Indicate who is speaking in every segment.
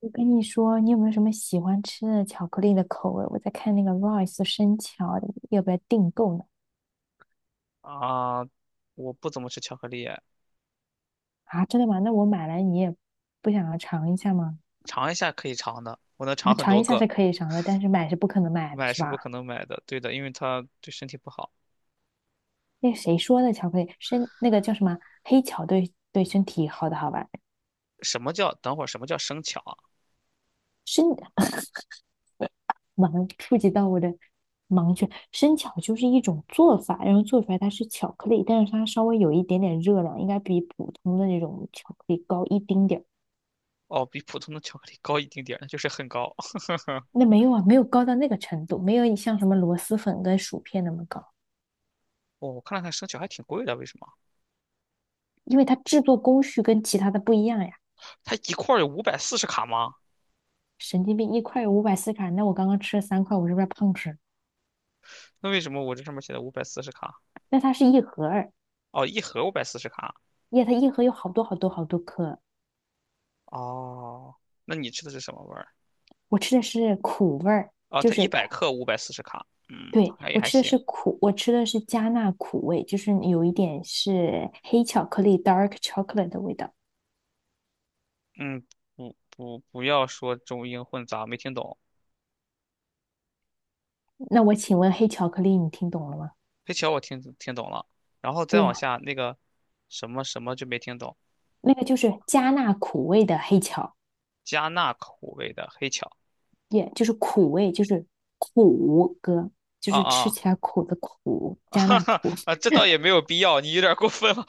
Speaker 1: 我跟你说，你有没有什么喜欢吃的巧克力的口味？我在看那个 r i c e 生巧的要不要订购呢？
Speaker 2: 啊，我不怎么吃巧克力，
Speaker 1: 啊，真的吗？那我买来你也不想要尝一下吗？
Speaker 2: 尝一下可以尝的，我能
Speaker 1: 啊，
Speaker 2: 尝很
Speaker 1: 尝
Speaker 2: 多
Speaker 1: 一下是
Speaker 2: 个，
Speaker 1: 可以尝的，但是买是不可能买的，
Speaker 2: 买
Speaker 1: 是
Speaker 2: 是不
Speaker 1: 吧？
Speaker 2: 可能买的，对的，因为它对身体不好。
Speaker 1: 那个谁说的巧克力生那个叫什么黑巧，对，对身体好的好吧？
Speaker 2: 什么叫等会儿？什么叫生巧啊？
Speaker 1: 生完了触及到我的盲区。生巧就是一种做法，然后做出来它是巧克力，但是它稍微有一点点热量，应该比普通的那种巧克力高一丁点儿。
Speaker 2: 哦，比普通的巧克力高一丁点儿，那就是很高。
Speaker 1: 那没有啊，没有高到那个程度，没有你像什么螺蛳粉跟薯片那么高。
Speaker 2: 哦，我看了看生巧还挺贵的，为什么？
Speaker 1: 因为它制作工序跟其他的不一样呀。
Speaker 2: 它一块儿有五百四十卡吗？
Speaker 1: 神经病，一块540卡，那我刚刚吃了三块，我是不是胖吃？
Speaker 2: 那为什么我这上面写的五百四十卡？
Speaker 1: 那它是一盒儿。
Speaker 2: 哦，一盒五百四十卡。
Speaker 1: 耶，它一盒有好多好多好多颗。
Speaker 2: 哦，那你吃的是什么味儿？
Speaker 1: 我吃的是苦味儿，
Speaker 2: 哦，
Speaker 1: 就
Speaker 2: 它
Speaker 1: 是
Speaker 2: 一百
Speaker 1: 苦。
Speaker 2: 克五百四十卡。嗯，
Speaker 1: 对，
Speaker 2: 好像也
Speaker 1: 我
Speaker 2: 还
Speaker 1: 吃的
Speaker 2: 行。
Speaker 1: 是苦，我吃的是加纳苦味，就是有一点是黑巧克力 （dark chocolate） 的味道。
Speaker 2: 嗯，不要说中英混杂，没听懂。
Speaker 1: 那我请问黑巧克力你听懂了吗？
Speaker 2: 黑巧我听懂了，然后再
Speaker 1: 对
Speaker 2: 往
Speaker 1: 呀、
Speaker 2: 下那个什么什么就没听懂，
Speaker 1: 那个就是加纳苦味的黑巧。
Speaker 2: 加纳口味的黑巧
Speaker 1: 也就是苦味，就是苦哥，就
Speaker 2: 啊
Speaker 1: 是吃
Speaker 2: 啊
Speaker 1: 起来苦的苦，
Speaker 2: 啊，
Speaker 1: 加
Speaker 2: 哈
Speaker 1: 那
Speaker 2: 哈
Speaker 1: 苦。
Speaker 2: 啊，这倒也 没有必要，你有点过分了。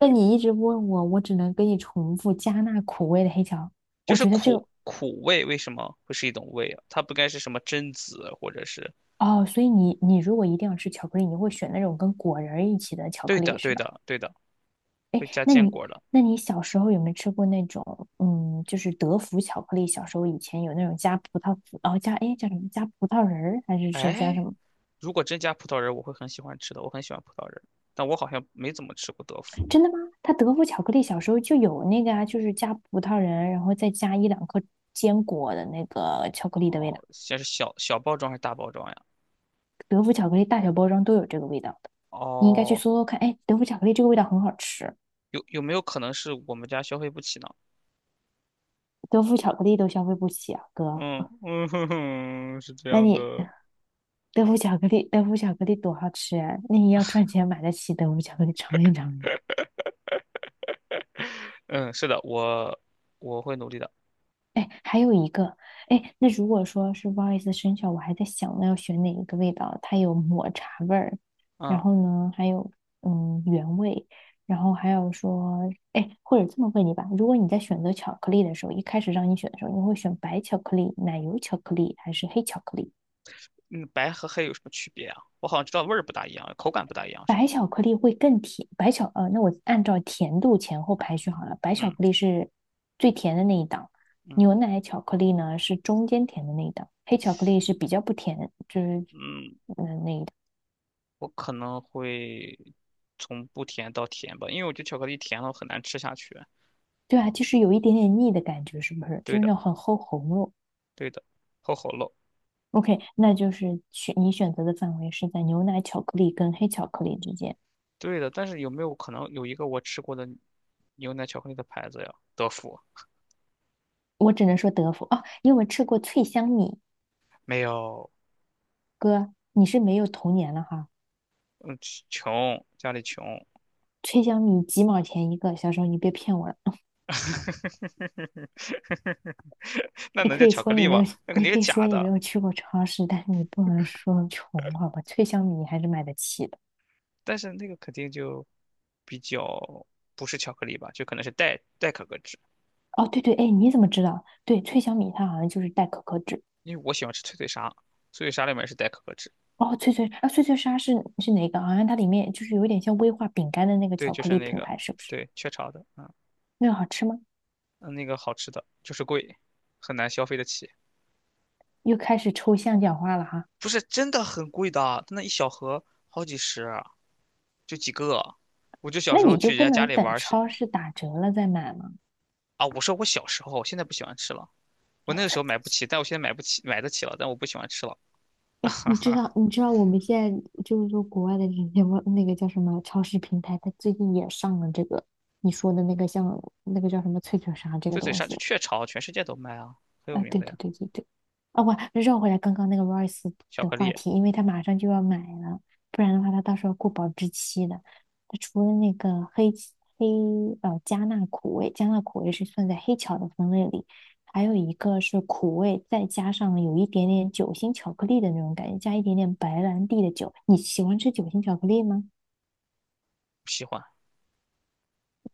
Speaker 1: 那你一直问我，我只能给你重复加那苦味的黑巧。
Speaker 2: 就
Speaker 1: 我
Speaker 2: 是
Speaker 1: 觉得这个，
Speaker 2: 苦味为什么会是一种味啊？它不该是什么榛子或者是？
Speaker 1: 哦，所以你如果一定要吃巧克力，你会选那种跟果仁儿一起的巧
Speaker 2: 对
Speaker 1: 克力
Speaker 2: 的
Speaker 1: 是
Speaker 2: 对
Speaker 1: 吧？
Speaker 2: 的对的，
Speaker 1: 哎，
Speaker 2: 会加
Speaker 1: 那
Speaker 2: 坚
Speaker 1: 你，
Speaker 2: 果的。
Speaker 1: 那你小时候有没有吃过那种，嗯，就是德芙巧克力？小时候以前有那种加葡萄籽，哦加哎叫什么加葡萄仁儿还是是加什
Speaker 2: 哎，
Speaker 1: 么？
Speaker 2: 如果真加葡萄仁儿，我会很喜欢吃的，我很喜欢葡萄仁儿，但我好像没怎么吃过德芙。
Speaker 1: 真的吗？它德芙巧克力小时候就有那个啊，就是加葡萄仁，然后再加一两颗坚果的那个巧克力的味道。
Speaker 2: 哦，先是小小包装还是大包装呀？
Speaker 1: 德芙巧克力大小包装都有这个味道的，你应该去
Speaker 2: 哦，
Speaker 1: 搜搜看。哎，德芙巧克力这个味道很好吃。
Speaker 2: 有没有可能是我们家消费不起呢？
Speaker 1: 德芙巧克力都消费不起啊，哥。
Speaker 2: 嗯嗯哼哼，是这
Speaker 1: 那
Speaker 2: 样
Speaker 1: 你
Speaker 2: 的，
Speaker 1: 德芙巧克力，德芙巧克力多好吃啊！那你要赚钱买得起德芙巧克力尝一尝呀。
Speaker 2: 嗯，是的，我会努力的。
Speaker 1: 哎，还有一个，哎，那如果说是不好意思生肖，我还在想呢要选哪一个味道，它有抹茶味儿，然
Speaker 2: 嗯
Speaker 1: 后呢还有原味，然后还有说，哎，或者这么问你吧，如果你在选择巧克力的时候，一开始让你选的时候，你会选白巧克力、奶油巧克力还是黑巧克力？
Speaker 2: 嗯，白和黑有什么区别啊？我好像知道味儿不大一样，口感不大一样，是
Speaker 1: 白
Speaker 2: 吗？
Speaker 1: 巧克力会更甜，那我按照甜度前后排序好了。白巧克
Speaker 2: 嗯
Speaker 1: 力是最甜的那一档，
Speaker 2: 嗯
Speaker 1: 牛奶巧克力呢是中间甜的那一档，黑巧克力是比较不甜，就是。
Speaker 2: 嗯，我可能会从不甜到甜吧，因为我觉得巧克力甜了很难吃下去。
Speaker 1: 对啊，就是有一点点腻的感觉，是不是？就
Speaker 2: 对
Speaker 1: 是
Speaker 2: 的
Speaker 1: 那种很齁喉咙。
Speaker 2: 对的，齁齁漏。
Speaker 1: OK，那就是选你选择的范围是在牛奶巧克力跟黑巧克力之间。
Speaker 2: 对的，但是有没有可能有一个我吃过的牛奶巧克力的牌子呀？德芙
Speaker 1: 我只能说德芙哦，因为我吃过脆香米。
Speaker 2: 没有，
Speaker 1: 哥，你是没有童年了哈。
Speaker 2: 嗯，穷，家里穷。
Speaker 1: 脆香米几毛钱一个，小时候你别骗我了。
Speaker 2: 那
Speaker 1: 你
Speaker 2: 能
Speaker 1: 可
Speaker 2: 叫
Speaker 1: 以
Speaker 2: 巧
Speaker 1: 说
Speaker 2: 克
Speaker 1: 你
Speaker 2: 力
Speaker 1: 没有，
Speaker 2: 吗？那肯
Speaker 1: 你
Speaker 2: 定是
Speaker 1: 可以说
Speaker 2: 假
Speaker 1: 你没
Speaker 2: 的，
Speaker 1: 有去过超市，但是你不能说穷，好吧？脆香米你还是买得起的。
Speaker 2: 但是那个肯定就比较不是巧克力吧，就可能是代可可脂，
Speaker 1: 哦，对对，哎，你怎么知道？对，脆香米它好像就是带可可脂。
Speaker 2: 因为我喜欢吃脆脆鲨，脆脆鲨里面是代可可脂，
Speaker 1: 哦，脆脆啊，脆脆鲨是哪个？好像它里面就是有点像威化饼干的那个
Speaker 2: 对，
Speaker 1: 巧
Speaker 2: 就
Speaker 1: 克
Speaker 2: 是
Speaker 1: 力
Speaker 2: 那
Speaker 1: 品
Speaker 2: 个，
Speaker 1: 牌，是不是？
Speaker 2: 对，雀巢的，嗯
Speaker 1: 那个好吃吗？
Speaker 2: 嗯那个好吃的，就是贵，很难消费得起，
Speaker 1: 又开始抽象讲话了哈。
Speaker 2: 不是真的很贵的，它那一小盒好几十啊，就几个，我就小
Speaker 1: 那
Speaker 2: 时候
Speaker 1: 你就
Speaker 2: 去人
Speaker 1: 不
Speaker 2: 家家
Speaker 1: 能
Speaker 2: 里玩
Speaker 1: 等
Speaker 2: 儿是
Speaker 1: 超市打折了再买吗？
Speaker 2: 啊，我说我小时候，现在不喜欢吃了。我那个时候买不起，但我现在买不起，买得起了，但我不喜欢吃了。
Speaker 1: 哎，你知道，你知道我们现在就是说国外的这些外那个叫什么超市平台，它最近也上了这个你说的那个像那个叫什么脆脆鲨这个
Speaker 2: 就嘴
Speaker 1: 东
Speaker 2: 鲨，就
Speaker 1: 西。
Speaker 2: 雀巢，全世界都卖啊，很有
Speaker 1: 啊，
Speaker 2: 名
Speaker 1: 对
Speaker 2: 的
Speaker 1: 对
Speaker 2: 呀。
Speaker 1: 对对对。啊，我绕回来刚刚那个 Royce
Speaker 2: 巧
Speaker 1: 的
Speaker 2: 克
Speaker 1: 话
Speaker 2: 力
Speaker 1: 题，因为他马上就要买了，不然的话他到时候过保质期的。他除了那个黑起黑呃加纳苦味，加纳苦味是算在黑巧的分类里，还有一个是苦味，再加上有一点点酒心巧克力的那种感觉，加一点点白兰地的酒。你喜欢吃酒心巧克力吗？
Speaker 2: 不喜欢，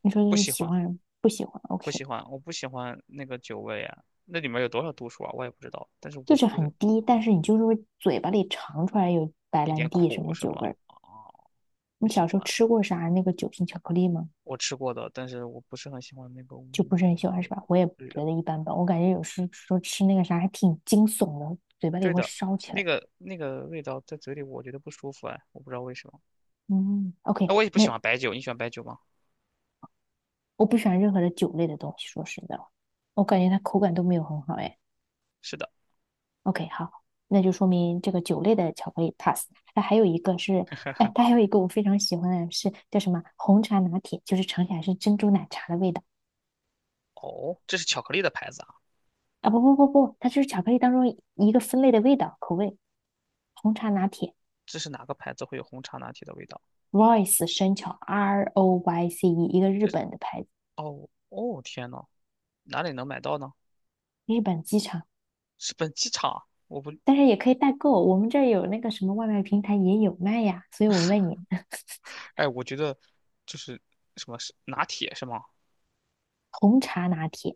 Speaker 1: 你说
Speaker 2: 不
Speaker 1: 你
Speaker 2: 喜
Speaker 1: 喜
Speaker 2: 欢，
Speaker 1: 欢不喜欢
Speaker 2: 不
Speaker 1: ？OK，
Speaker 2: 喜欢，我不喜欢那个酒味啊。那里面有多少度数啊？我也不知道。但是
Speaker 1: 就
Speaker 2: 我
Speaker 1: 是
Speaker 2: 不是
Speaker 1: 很低，但是你就是会嘴巴里尝出来有白
Speaker 2: 一
Speaker 1: 兰
Speaker 2: 点
Speaker 1: 地什
Speaker 2: 苦
Speaker 1: 么
Speaker 2: 什
Speaker 1: 酒
Speaker 2: 么
Speaker 1: 味儿。
Speaker 2: 啊，不
Speaker 1: 你
Speaker 2: 喜
Speaker 1: 小时候
Speaker 2: 欢。
Speaker 1: 吃过啥那个酒心巧克力吗？
Speaker 2: 我吃过的，但是我不是很喜欢那个味
Speaker 1: 就不是很喜欢是吧？
Speaker 2: 道。
Speaker 1: 我也
Speaker 2: 对的，
Speaker 1: 觉得一般般，我感觉有时说吃那个啥还挺惊悚的，嘴巴里
Speaker 2: 对
Speaker 1: 会
Speaker 2: 的，
Speaker 1: 烧起
Speaker 2: 那
Speaker 1: 来。
Speaker 2: 个那个味道在嘴里我觉得不舒服哎，我不知道为什么。
Speaker 1: 嗯，OK，
Speaker 2: 那我也不喜
Speaker 1: 那
Speaker 2: 欢白酒，你喜欢白酒吗？
Speaker 1: 我不喜欢任何的酒类的东西，说实在话，我感觉它口感都没有很好哎。
Speaker 2: 是的，
Speaker 1: OK，好，那就说明这个酒类的巧克力 pass。那还有一个是，哎，它还有一个我非常喜欢的是叫什么红茶拿铁，就是尝起来是珍珠奶茶的味道。
Speaker 2: 哦，这是巧克力的牌子啊。
Speaker 1: 啊！不不不不，它就是巧克力当中一个分类的味道口味，红茶拿铁。
Speaker 2: 这是哪个牌子会有红茶拿铁的味道？
Speaker 1: Royce 生巧 ROYCE，一个日
Speaker 2: 这
Speaker 1: 本的牌子，
Speaker 2: 哦哦天呐，哪里能买到呢？
Speaker 1: 日本机场，
Speaker 2: 是本机场？我不，
Speaker 1: 但是也可以代购，我们这儿有那个什么外卖平台也有卖呀，所以我问你
Speaker 2: 哎，我觉得就是什么是拿铁是吗？
Speaker 1: 红茶拿铁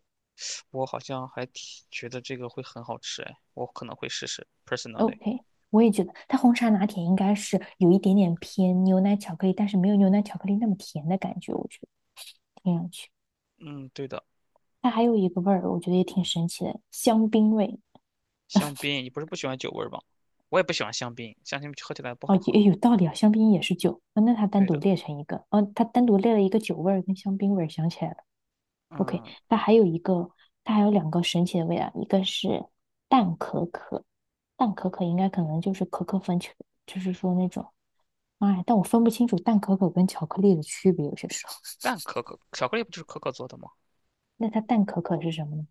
Speaker 2: 我好像还挺觉得这个会很好吃，哎，我可能会试试，personally。
Speaker 1: ，OK，我也觉得它红茶拿铁应该是有一点点偏牛奶巧克力，但是没有牛奶巧克力那么甜的感觉，我觉得听上去，
Speaker 2: 嗯，对的，
Speaker 1: 它还有一个味儿，我觉得也挺神奇的，香槟味。
Speaker 2: 香槟，你不是不喜欢酒味儿吗？我也不喜欢香槟，香槟喝起来不
Speaker 1: 哦，
Speaker 2: 好
Speaker 1: 也
Speaker 2: 喝。
Speaker 1: 有道理啊，香槟也是酒啊，那它单
Speaker 2: 对
Speaker 1: 独
Speaker 2: 的，
Speaker 1: 列成一个，哦，它单独列了一个酒味儿跟香槟味儿，想起来了。OK，
Speaker 2: 嗯，
Speaker 1: 它还有一个，它还有两个神奇的味道，一个是淡可可，淡可可应该可能就是可可粉，去就是说那种，哎，但我分不清楚淡可可跟巧克力的区别，有些时候。
Speaker 2: 但可可巧克力不就是可可做的吗？
Speaker 1: 那它淡可可是什么呢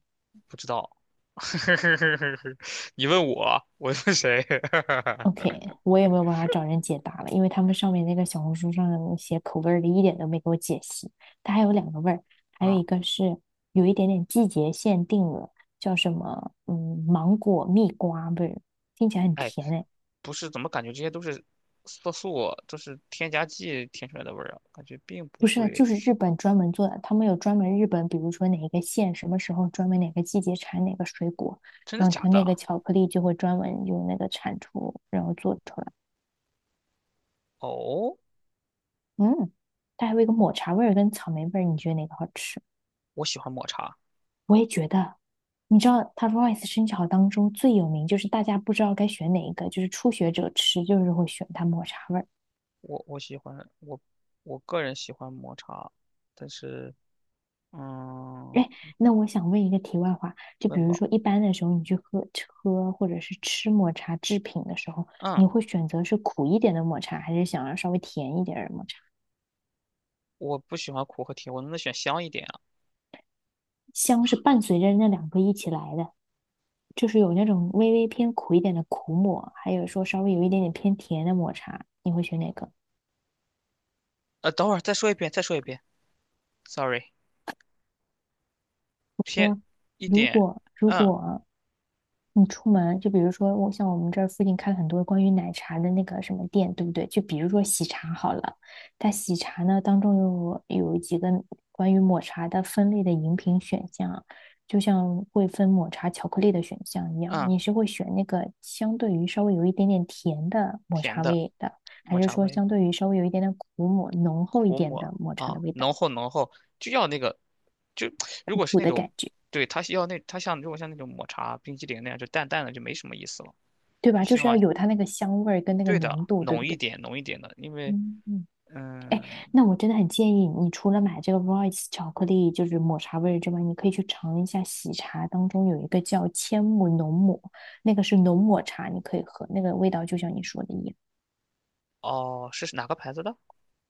Speaker 2: 不知道，你问我，我问谁？
Speaker 1: ？OK，我也没有办法找人解答了，因为他们上面那个小红书上的那口味儿的一点都没给我解析。它还有两个味儿，还有
Speaker 2: 啊、
Speaker 1: 一个是有一点点季节限定的，叫什么？嗯，芒果蜜瓜味儿，听起来很
Speaker 2: 哎，
Speaker 1: 甜哎。
Speaker 2: 不是怎么感觉这些都是色素，都是添加剂添出来的味儿啊？感觉并不
Speaker 1: 不是，
Speaker 2: 会，
Speaker 1: 就是日本专门做的，他们有专门日本，比如说哪一个县什么时候专门哪个季节产哪个水果，
Speaker 2: 真的
Speaker 1: 然后
Speaker 2: 假
Speaker 1: 它那个
Speaker 2: 的？
Speaker 1: 巧克力就会专门用那个产出，然后做出来。
Speaker 2: 哦，
Speaker 1: 嗯，它还有一个抹茶味儿跟草莓味儿，你觉得哪个好吃？
Speaker 2: 我喜欢抹茶，
Speaker 1: 我也觉得，你知道它 r i c e 生巧当中最有名，就是大家不知道该选哪一个，就是初学者吃就是会选它抹茶味儿。
Speaker 2: 我我喜欢我我个人喜欢抹茶，但是嗯，
Speaker 1: 哎，那我想问一个题外话，就比
Speaker 2: 问
Speaker 1: 如
Speaker 2: 吧，
Speaker 1: 说一般的时候，你去喝喝或者是吃抹茶制品的时候，
Speaker 2: 嗯，
Speaker 1: 你会选择是苦一点的抹茶，还是想要稍微甜一点儿的抹茶？
Speaker 2: 我不喜欢苦和甜，我能不能选香一点啊？
Speaker 1: 香是伴随着那两个一起来的，就是有那种微微偏苦一点的苦抹，还有说稍微有一点点偏甜的抹茶，你会选哪个？
Speaker 2: 呃，等会儿再说一遍，再说一遍，sorry,偏一
Speaker 1: 如
Speaker 2: 点，
Speaker 1: 果如
Speaker 2: 嗯
Speaker 1: 果你出门，就比如说我像我们这儿附近开了很多关于奶茶的那个什么店，对不对？就比如说喜茶好了，它喜茶呢当中有几个关于抹茶的分类的饮品选项，就像会分抹茶巧克力的选项一样，
Speaker 2: 嗯，
Speaker 1: 你是会选那个相对于稍微有一点点甜的抹
Speaker 2: 甜
Speaker 1: 茶
Speaker 2: 的
Speaker 1: 味的，还
Speaker 2: 抹
Speaker 1: 是
Speaker 2: 茶
Speaker 1: 说
Speaker 2: 味。
Speaker 1: 相对于稍微有一点点苦抹浓厚一
Speaker 2: 苦
Speaker 1: 点
Speaker 2: 抹
Speaker 1: 的抹茶的
Speaker 2: 啊，
Speaker 1: 味道，
Speaker 2: 浓厚浓厚，就要那个，就如
Speaker 1: 苦
Speaker 2: 果是
Speaker 1: 苦
Speaker 2: 那
Speaker 1: 的
Speaker 2: 种，
Speaker 1: 感觉，
Speaker 2: 对，它是要那它像如果像那种抹茶冰激凌那样，就淡淡的就没什么意思了，
Speaker 1: 对吧？
Speaker 2: 就
Speaker 1: 就
Speaker 2: 希
Speaker 1: 是要
Speaker 2: 望
Speaker 1: 有它那个香味儿跟那个
Speaker 2: 对的
Speaker 1: 浓度，对不
Speaker 2: 浓一
Speaker 1: 对？
Speaker 2: 点浓一点的，因为
Speaker 1: 嗯嗯。哎，
Speaker 2: 嗯
Speaker 1: 那我真的很建议你，除了买这个 Royce 巧克力，就是抹茶味儿之外，你可以去尝一下喜茶当中有一个叫千木浓抹，那个是浓抹茶，你可以喝，那个味道就像你说的一样，
Speaker 2: 哦是哪个牌子的？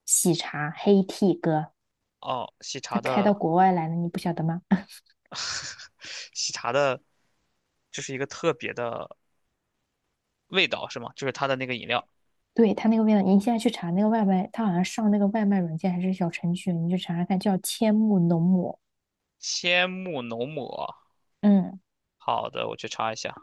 Speaker 1: 喜茶黑 t 哥，
Speaker 2: 哦，喜
Speaker 1: 他
Speaker 2: 茶
Speaker 1: 开到
Speaker 2: 的
Speaker 1: 国外来了，你不晓得吗？
Speaker 2: 喜茶的，就是一个特别的味道是吗？就是它的那个饮料，
Speaker 1: 对，它那个味道，你现在去查那个外卖，它好像上那个外卖软件还是小程序，你去查查看，叫千木浓抹，
Speaker 2: 千木浓抹。
Speaker 1: 嗯。
Speaker 2: 好的，我去查一下。